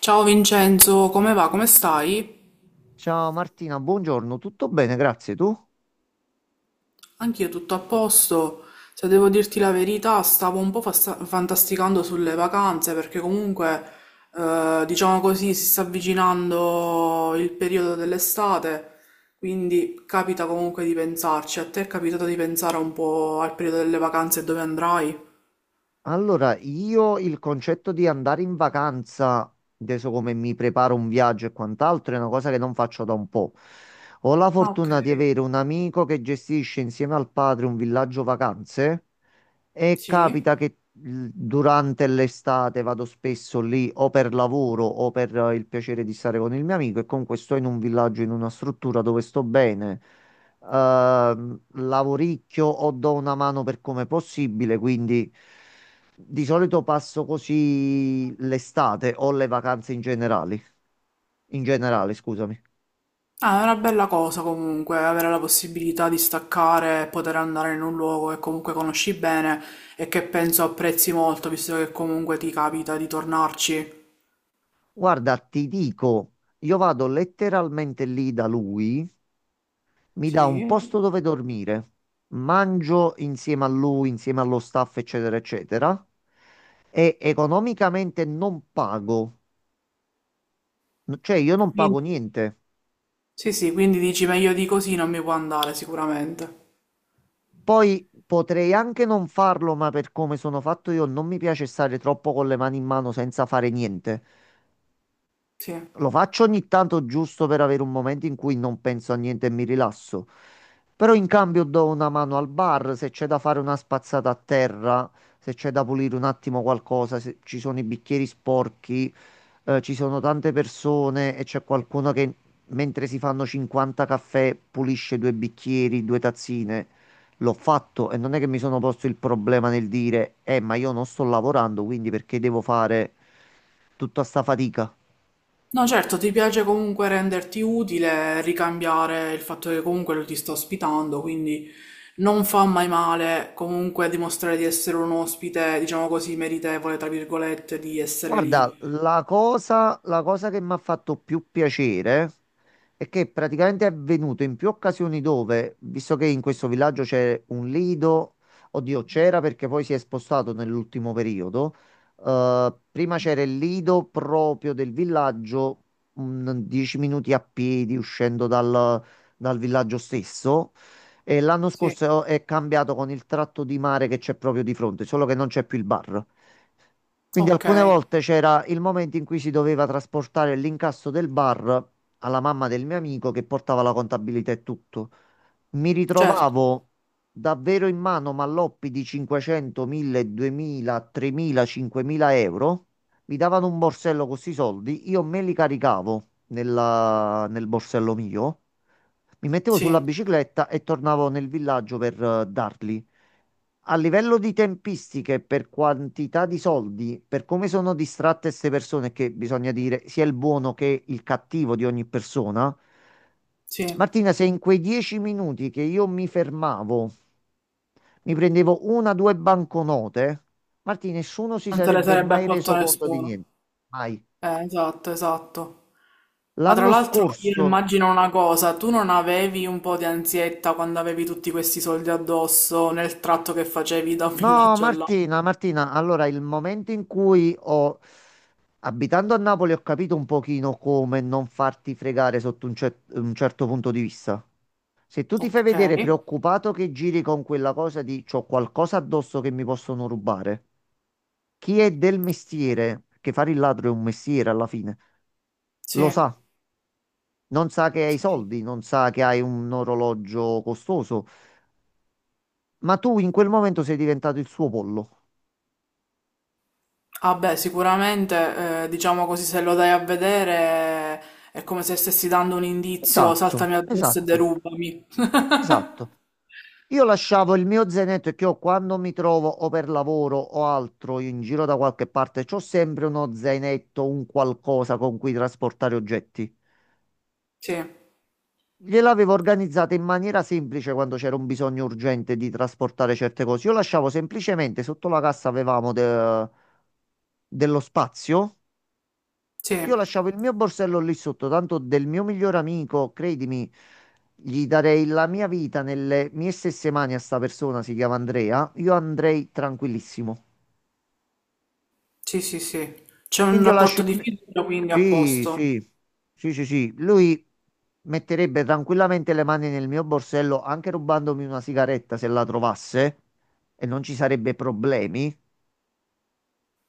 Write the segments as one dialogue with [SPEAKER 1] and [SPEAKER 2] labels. [SPEAKER 1] Ciao Vincenzo, come va? Come stai?
[SPEAKER 2] Ciao Martina, buongiorno, tutto bene, grazie. Tu?
[SPEAKER 1] Anch'io tutto a posto. Se devo dirti la verità, stavo un po' fantasticando sulle vacanze perché comunque, diciamo così, si sta avvicinando il periodo dell'estate, quindi capita comunque di pensarci. A te è capitato di pensare un po' al periodo delle vacanze e dove andrai?
[SPEAKER 2] Allora, io il concetto di andare in vacanza, adesso come mi preparo un viaggio e quant'altro, è una cosa che non faccio da un po'. Ho la
[SPEAKER 1] Ah, ok.
[SPEAKER 2] fortuna di avere un amico che gestisce insieme al padre un villaggio vacanze. E
[SPEAKER 1] Sì?
[SPEAKER 2] capita che durante l'estate vado spesso lì o per lavoro o per il piacere di stare con il mio amico, e comunque sto in un villaggio, in una struttura dove sto bene. Lavoricchio o do una mano per come possibile, quindi di solito passo così l'estate o le vacanze in generale, scusami.
[SPEAKER 1] Ah, è una bella cosa comunque avere la possibilità di staccare e poter andare in un luogo che comunque conosci bene e che penso apprezzi molto, visto che comunque ti capita di tornarci.
[SPEAKER 2] Guarda, ti dico, io vado letteralmente lì da lui. Mi dà un
[SPEAKER 1] Sì.
[SPEAKER 2] posto dove dormire, mangio insieme a lui, insieme allo staff, eccetera, eccetera, e economicamente non pago. Cioè, io non pago
[SPEAKER 1] Quindi-
[SPEAKER 2] niente.
[SPEAKER 1] Sì, sì, quindi dici meglio di così non mi può andare sicuramente.
[SPEAKER 2] Poi potrei anche non farlo, ma per come sono fatto io non mi piace stare troppo con le mani in mano senza fare niente.
[SPEAKER 1] Sì.
[SPEAKER 2] Lo faccio ogni tanto giusto per avere un momento in cui non penso a niente e mi rilasso. Però in cambio do una mano al bar, se c'è da fare una spazzata a terra, se c'è da pulire un attimo qualcosa, se ci sono i bicchieri sporchi. Eh, ci sono tante persone e c'è qualcuno che mentre si fanno 50 caffè pulisce due bicchieri, due tazzine. L'ho fatto e non è che mi sono posto il problema nel dire, ma io non sto lavorando, quindi perché devo fare tutta sta fatica?
[SPEAKER 1] No, certo, ti piace comunque renderti utile, ricambiare il fatto che comunque lo ti sta ospitando, quindi non fa mai male comunque dimostrare di essere un ospite, diciamo così, meritevole, tra virgolette, di essere
[SPEAKER 2] Guarda,
[SPEAKER 1] lì.
[SPEAKER 2] la cosa che mi ha fatto più piacere è che praticamente è avvenuto in più occasioni dove, visto che in questo villaggio c'è un lido, oddio, c'era, perché poi si è spostato nell'ultimo periodo. Prima c'era il lido proprio del villaggio, un 10 minuti a piedi uscendo dal villaggio stesso. E l'anno
[SPEAKER 1] Sì,
[SPEAKER 2] scorso è cambiato con il tratto di mare che c'è proprio di fronte, solo che non c'è più il bar. Quindi alcune
[SPEAKER 1] okay,
[SPEAKER 2] volte c'era il momento in cui si doveva trasportare l'incasso del bar alla mamma del mio amico, che portava la contabilità e tutto. Mi
[SPEAKER 1] certo,
[SPEAKER 2] ritrovavo davvero in mano malloppi di 500, 1000, 2000, 3000, 5000 euro. Mi davano un borsello con questi soldi, io me li caricavo nel borsello mio, mi mettevo sulla
[SPEAKER 1] sì,
[SPEAKER 2] bicicletta e tornavo nel villaggio per darli. A livello di tempistiche, per quantità di soldi, per come sono distratte queste persone, che bisogna dire sia il buono che il cattivo di ogni persona,
[SPEAKER 1] sì, non
[SPEAKER 2] Martina, se in quei dieci minuti che io mi fermavo mi prendevo una o due banconote, Martina, nessuno si
[SPEAKER 1] te le
[SPEAKER 2] sarebbe
[SPEAKER 1] sarebbe
[SPEAKER 2] mai
[SPEAKER 1] accolto
[SPEAKER 2] reso conto di
[SPEAKER 1] nessuno.
[SPEAKER 2] niente. Mai.
[SPEAKER 1] Esatto, esatto. Ma tra
[SPEAKER 2] L'anno
[SPEAKER 1] l'altro io
[SPEAKER 2] scorso...
[SPEAKER 1] immagino una cosa, tu non avevi un po' di ansietta quando avevi tutti questi soldi addosso nel tratto che facevi da un
[SPEAKER 2] No,
[SPEAKER 1] villaggio all'altro?
[SPEAKER 2] Martina, Martina, allora il momento in cui ho, abitando a Napoli, ho capito un pochino come non farti fregare sotto un, un certo punto di vista. Se tu ti fai
[SPEAKER 1] Ok,
[SPEAKER 2] vedere preoccupato, che giri con quella cosa di c'ho qualcosa addosso che mi possono rubare, chi è del mestiere, che fare il ladro è un mestiere alla fine, lo
[SPEAKER 1] sì,
[SPEAKER 2] sa. Non sa che hai
[SPEAKER 1] sì, sì.
[SPEAKER 2] soldi, non sa che hai un orologio costoso, ma tu in quel momento sei diventato il suo pollo.
[SPEAKER 1] Ah beh, sicuramente, diciamo così, se lo dai a vedere è come se stessi dando un indizio,
[SPEAKER 2] Esatto,
[SPEAKER 1] saltami addosso e
[SPEAKER 2] esatto,
[SPEAKER 1] derubami.
[SPEAKER 2] esatto. Io lasciavo il mio zainetto, che ho quando mi trovo o per lavoro o altro in giro da qualche parte, c'ho sempre uno zainetto, un qualcosa con cui trasportare oggetti.
[SPEAKER 1] Sì,
[SPEAKER 2] Gliel'avevo organizzata in maniera semplice quando c'era un bisogno urgente di trasportare certe cose. Io lasciavo semplicemente sotto la cassa, avevamo dello spazio.
[SPEAKER 1] sì.
[SPEAKER 2] Io lasciavo il mio borsello lì sotto, tanto del mio migliore amico, credimi, gli darei la mia vita nelle mie stesse mani, a sta persona, si chiama Andrea, io andrei tranquillissimo.
[SPEAKER 1] Sì, sì, sì. C'è un
[SPEAKER 2] Quindi io lascio
[SPEAKER 1] rapporto
[SPEAKER 2] il...
[SPEAKER 1] di
[SPEAKER 2] mi-
[SPEAKER 1] fiducia, quindi a
[SPEAKER 2] Sì,
[SPEAKER 1] posto.
[SPEAKER 2] sì, sì, sì, sì. Lui metterebbe tranquillamente le mani nel mio borsello, anche rubandomi una sigaretta se la trovasse, e non ci sarebbe problemi.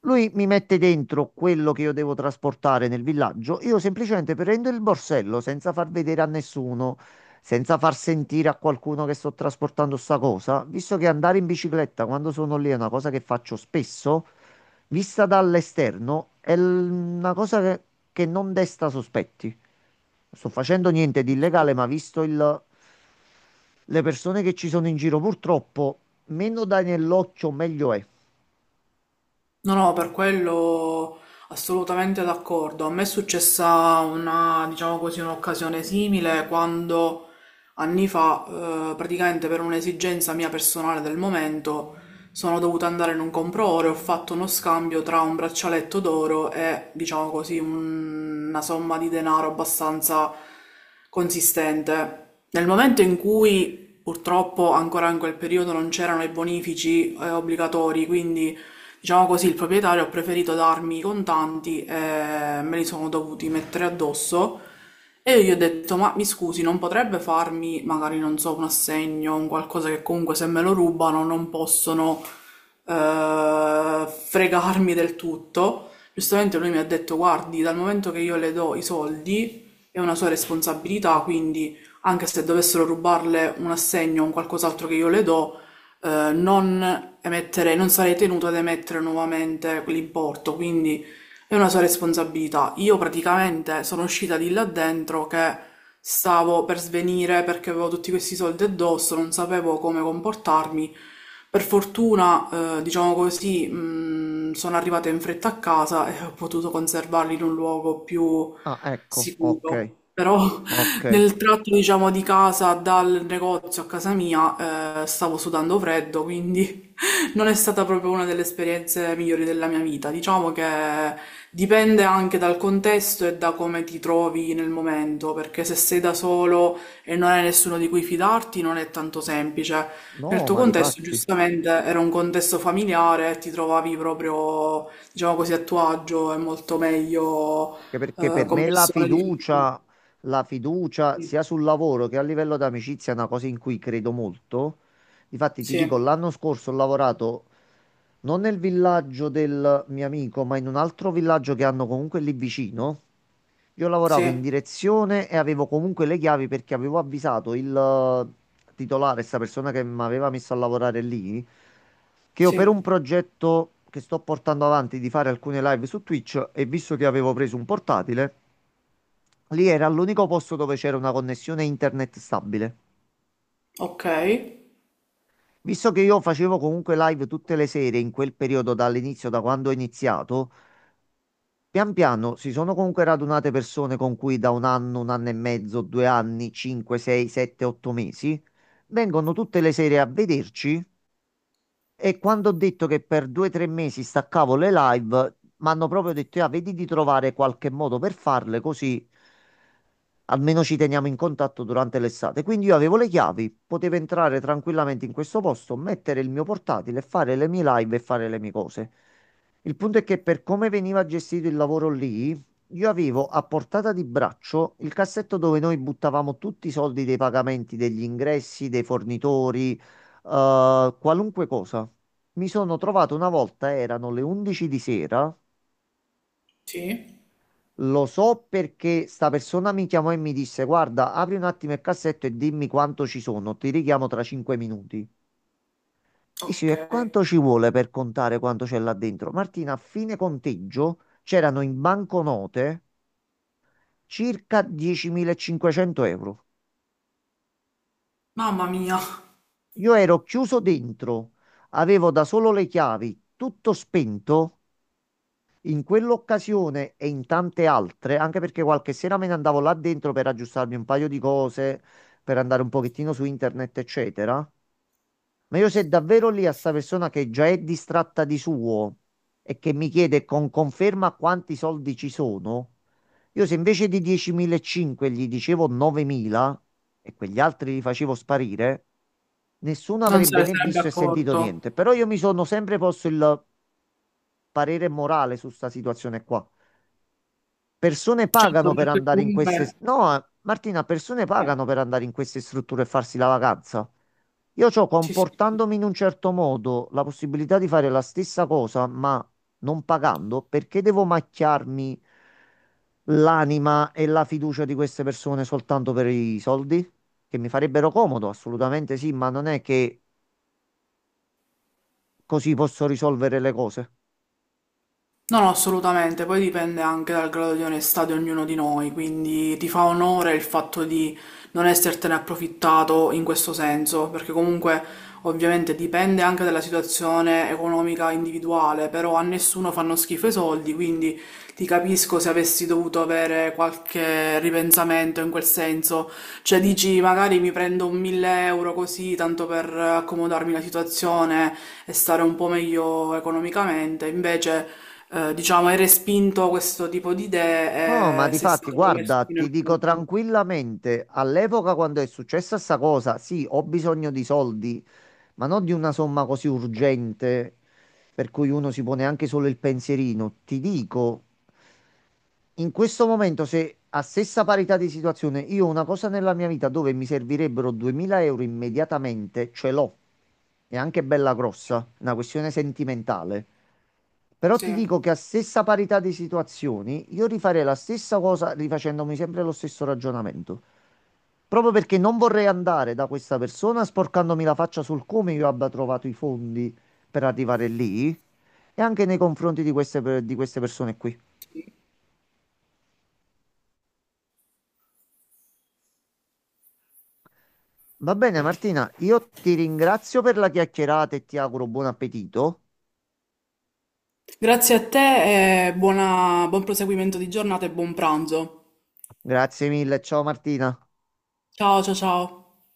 [SPEAKER 2] Lui mi mette dentro quello che io devo trasportare nel villaggio. Io semplicemente prendo il borsello senza far vedere a nessuno, senza far sentire a qualcuno che sto trasportando sta cosa. Visto che andare in bicicletta quando sono lì è una cosa che faccio spesso, vista dall'esterno è una cosa che non desta sospetti. Non sto facendo niente di illegale, ma visto le persone che ci sono in giro, purtroppo, meno dai nell'occhio, meglio è.
[SPEAKER 1] No, no, per quello assolutamente d'accordo. A me è successa una, diciamo così, un'occasione simile quando anni fa, praticamente per un'esigenza mia personale del momento, sono dovuta andare in un compro-oro e ho fatto uno scambio tra un braccialetto d'oro e, diciamo così, una somma di denaro abbastanza consistente. Nel momento in cui, purtroppo, ancora in quel periodo non c'erano i bonifici, obbligatori, quindi diciamo così, il proprietario ha preferito darmi i contanti e me li sono dovuti mettere addosso e io gli ho detto, ma mi scusi, non potrebbe farmi, magari non so, un assegno, un qualcosa che comunque se me lo rubano non possono fregarmi del tutto. Giustamente lui mi ha detto, guardi, dal momento che io le do i soldi è una sua responsabilità, quindi anche se dovessero rubarle un assegno o un qualcos'altro che io le do, non sarei tenuto ad emettere nuovamente quell'importo, quindi è una sua responsabilità. Io praticamente sono uscita di là dentro che stavo per svenire perché avevo tutti questi soldi addosso, non sapevo come comportarmi. Per fortuna, diciamo così, sono arrivata in fretta a casa e ho potuto conservarli in un luogo più
[SPEAKER 2] Ah, ecco, ok.
[SPEAKER 1] sicuro. Però
[SPEAKER 2] Ok,
[SPEAKER 1] nel tratto, diciamo, di casa dal negozio a casa mia, stavo sudando freddo, quindi non è stata proprio una delle esperienze migliori della mia vita. Diciamo che dipende anche dal contesto e da come ti trovi nel momento, perché se sei da solo e non hai nessuno di cui fidarti, non è tanto semplice. Nel
[SPEAKER 2] no,
[SPEAKER 1] tuo
[SPEAKER 2] ma di
[SPEAKER 1] contesto,
[SPEAKER 2] fatti...
[SPEAKER 1] giustamente, era un contesto familiare, ti trovavi proprio, diciamo così, a tuo agio e molto meglio,
[SPEAKER 2] Che perché per
[SPEAKER 1] con
[SPEAKER 2] me
[SPEAKER 1] persone di
[SPEAKER 2] la fiducia,
[SPEAKER 1] Sì,
[SPEAKER 2] sia sul lavoro che a livello d'amicizia, è una cosa in cui credo molto. Difatti ti dico,
[SPEAKER 1] sì,
[SPEAKER 2] l'anno scorso ho lavorato non nel villaggio del mio amico, ma in un altro villaggio che hanno comunque lì vicino. Io lavoravo
[SPEAKER 1] sì.
[SPEAKER 2] in direzione e avevo comunque le chiavi, perché avevo avvisato il titolare, questa persona che mi aveva messo a lavorare lì, che io, per
[SPEAKER 1] Sì.
[SPEAKER 2] un progetto che sto portando avanti, di fare alcune live su Twitch, e visto che avevo preso un portatile, lì era l'unico posto dove c'era una connessione internet stabile.
[SPEAKER 1] Ok,
[SPEAKER 2] Visto che io facevo comunque live tutte le sere, in quel periodo dall'inizio, da quando ho iniziato, pian piano si sono comunque radunate persone con cui da un anno e mezzo, due anni, cinque, sei, sette, otto mesi vengono tutte le sere a vederci. E quando ho detto che per due o tre mesi staccavo le live, mi hanno proprio detto: "Ah, vedi di trovare qualche modo per farle, così almeno ci teniamo in contatto durante l'estate." Quindi io avevo le chiavi, potevo entrare tranquillamente in questo posto, mettere il mio portatile, fare le mie live e fare le mie cose. Il punto è che per come veniva gestito il lavoro lì, io avevo a portata di braccio il cassetto dove noi buttavamo tutti i soldi dei pagamenti, degli ingressi, dei fornitori, qualunque cosa. Mi sono trovato una volta, erano le 11 di sera.
[SPEAKER 1] sì,
[SPEAKER 2] Lo so perché sta persona mi chiamò e mi disse: "Guarda, apri un attimo il cassetto e dimmi quanto ci sono. Ti richiamo tra 5 minuti." Dici,
[SPEAKER 1] ok.
[SPEAKER 2] e quanto ci vuole per contare quanto c'è là dentro? Martina, a fine conteggio c'erano in banconote circa 10.500 euro.
[SPEAKER 1] Mamma mia.
[SPEAKER 2] Io ero chiuso dentro, avevo da solo le chiavi, tutto spento. In quell'occasione e in tante altre, anche perché qualche sera me ne andavo là dentro per aggiustarmi un paio di cose, per andare un pochettino su internet, eccetera. Ma io, se davvero lì a sta persona, che già è distratta di suo e che mi chiede con conferma quanti soldi ci sono, io se invece di 10.500 gli dicevo 9.000 e quegli altri li facevo sparire, nessuno
[SPEAKER 1] Non se
[SPEAKER 2] avrebbe
[SPEAKER 1] ne
[SPEAKER 2] né
[SPEAKER 1] sarebbe
[SPEAKER 2] visto e sentito
[SPEAKER 1] accorto.
[SPEAKER 2] niente. Però io mi sono sempre posto il parere morale su sta situazione qua. Persone
[SPEAKER 1] Certo,
[SPEAKER 2] pagano per
[SPEAKER 1] perché
[SPEAKER 2] andare in queste...
[SPEAKER 1] comunque
[SPEAKER 2] No, Martina, persone
[SPEAKER 1] eh,
[SPEAKER 2] pagano per andare in queste strutture e farsi la vacanza. Io c'ho,
[SPEAKER 1] sì, sì, sì.
[SPEAKER 2] comportandomi in un certo modo, la possibilità di fare la stessa cosa, ma non pagando. Perché devo macchiarmi l'anima e la fiducia di queste persone soltanto per i soldi? Che mi farebbero comodo, assolutamente sì, ma non è che così posso risolvere le cose.
[SPEAKER 1] No, no, assolutamente, poi dipende anche dal grado di onestà di ognuno di noi, quindi ti fa onore il fatto di non essertene approfittato in questo senso, perché comunque ovviamente dipende anche dalla situazione economica individuale, però a nessuno fanno schifo i soldi, quindi ti capisco se avessi dovuto avere qualche ripensamento in quel senso, cioè dici magari mi prendo un 1000 euro così tanto per accomodarmi la situazione e stare un po' meglio economicamente, invece diciamo, hai respinto questo tipo di
[SPEAKER 2] No, ma
[SPEAKER 1] idee e
[SPEAKER 2] di
[SPEAKER 1] sei
[SPEAKER 2] fatti,
[SPEAKER 1] stato messo
[SPEAKER 2] guarda,
[SPEAKER 1] fino in
[SPEAKER 2] ti dico
[SPEAKER 1] fondo.
[SPEAKER 2] tranquillamente, all'epoca quando è successa sta cosa, sì, ho bisogno di soldi, ma non di una somma così urgente per cui uno si pone anche solo il pensierino. Ti dico, in questo momento, se a stessa parità di situazione io ho una cosa nella mia vita dove mi servirebbero 2000 euro immediatamente, ce l'ho. È anche bella grossa, è una questione sentimentale. Però ti
[SPEAKER 1] Sì.
[SPEAKER 2] dico che a stessa parità di situazioni, io rifarei la stessa cosa, rifacendomi sempre lo stesso ragionamento. Proprio perché non vorrei andare da questa persona sporcandomi la faccia sul come io abbia trovato i fondi per arrivare lì, e anche nei confronti di di queste persone qui. Va bene, Martina, io ti ringrazio per la chiacchierata e ti auguro buon appetito.
[SPEAKER 1] Grazie a te e buon proseguimento di giornata e buon pranzo.
[SPEAKER 2] Grazie mille, ciao Martina.
[SPEAKER 1] Ciao, ciao, ciao.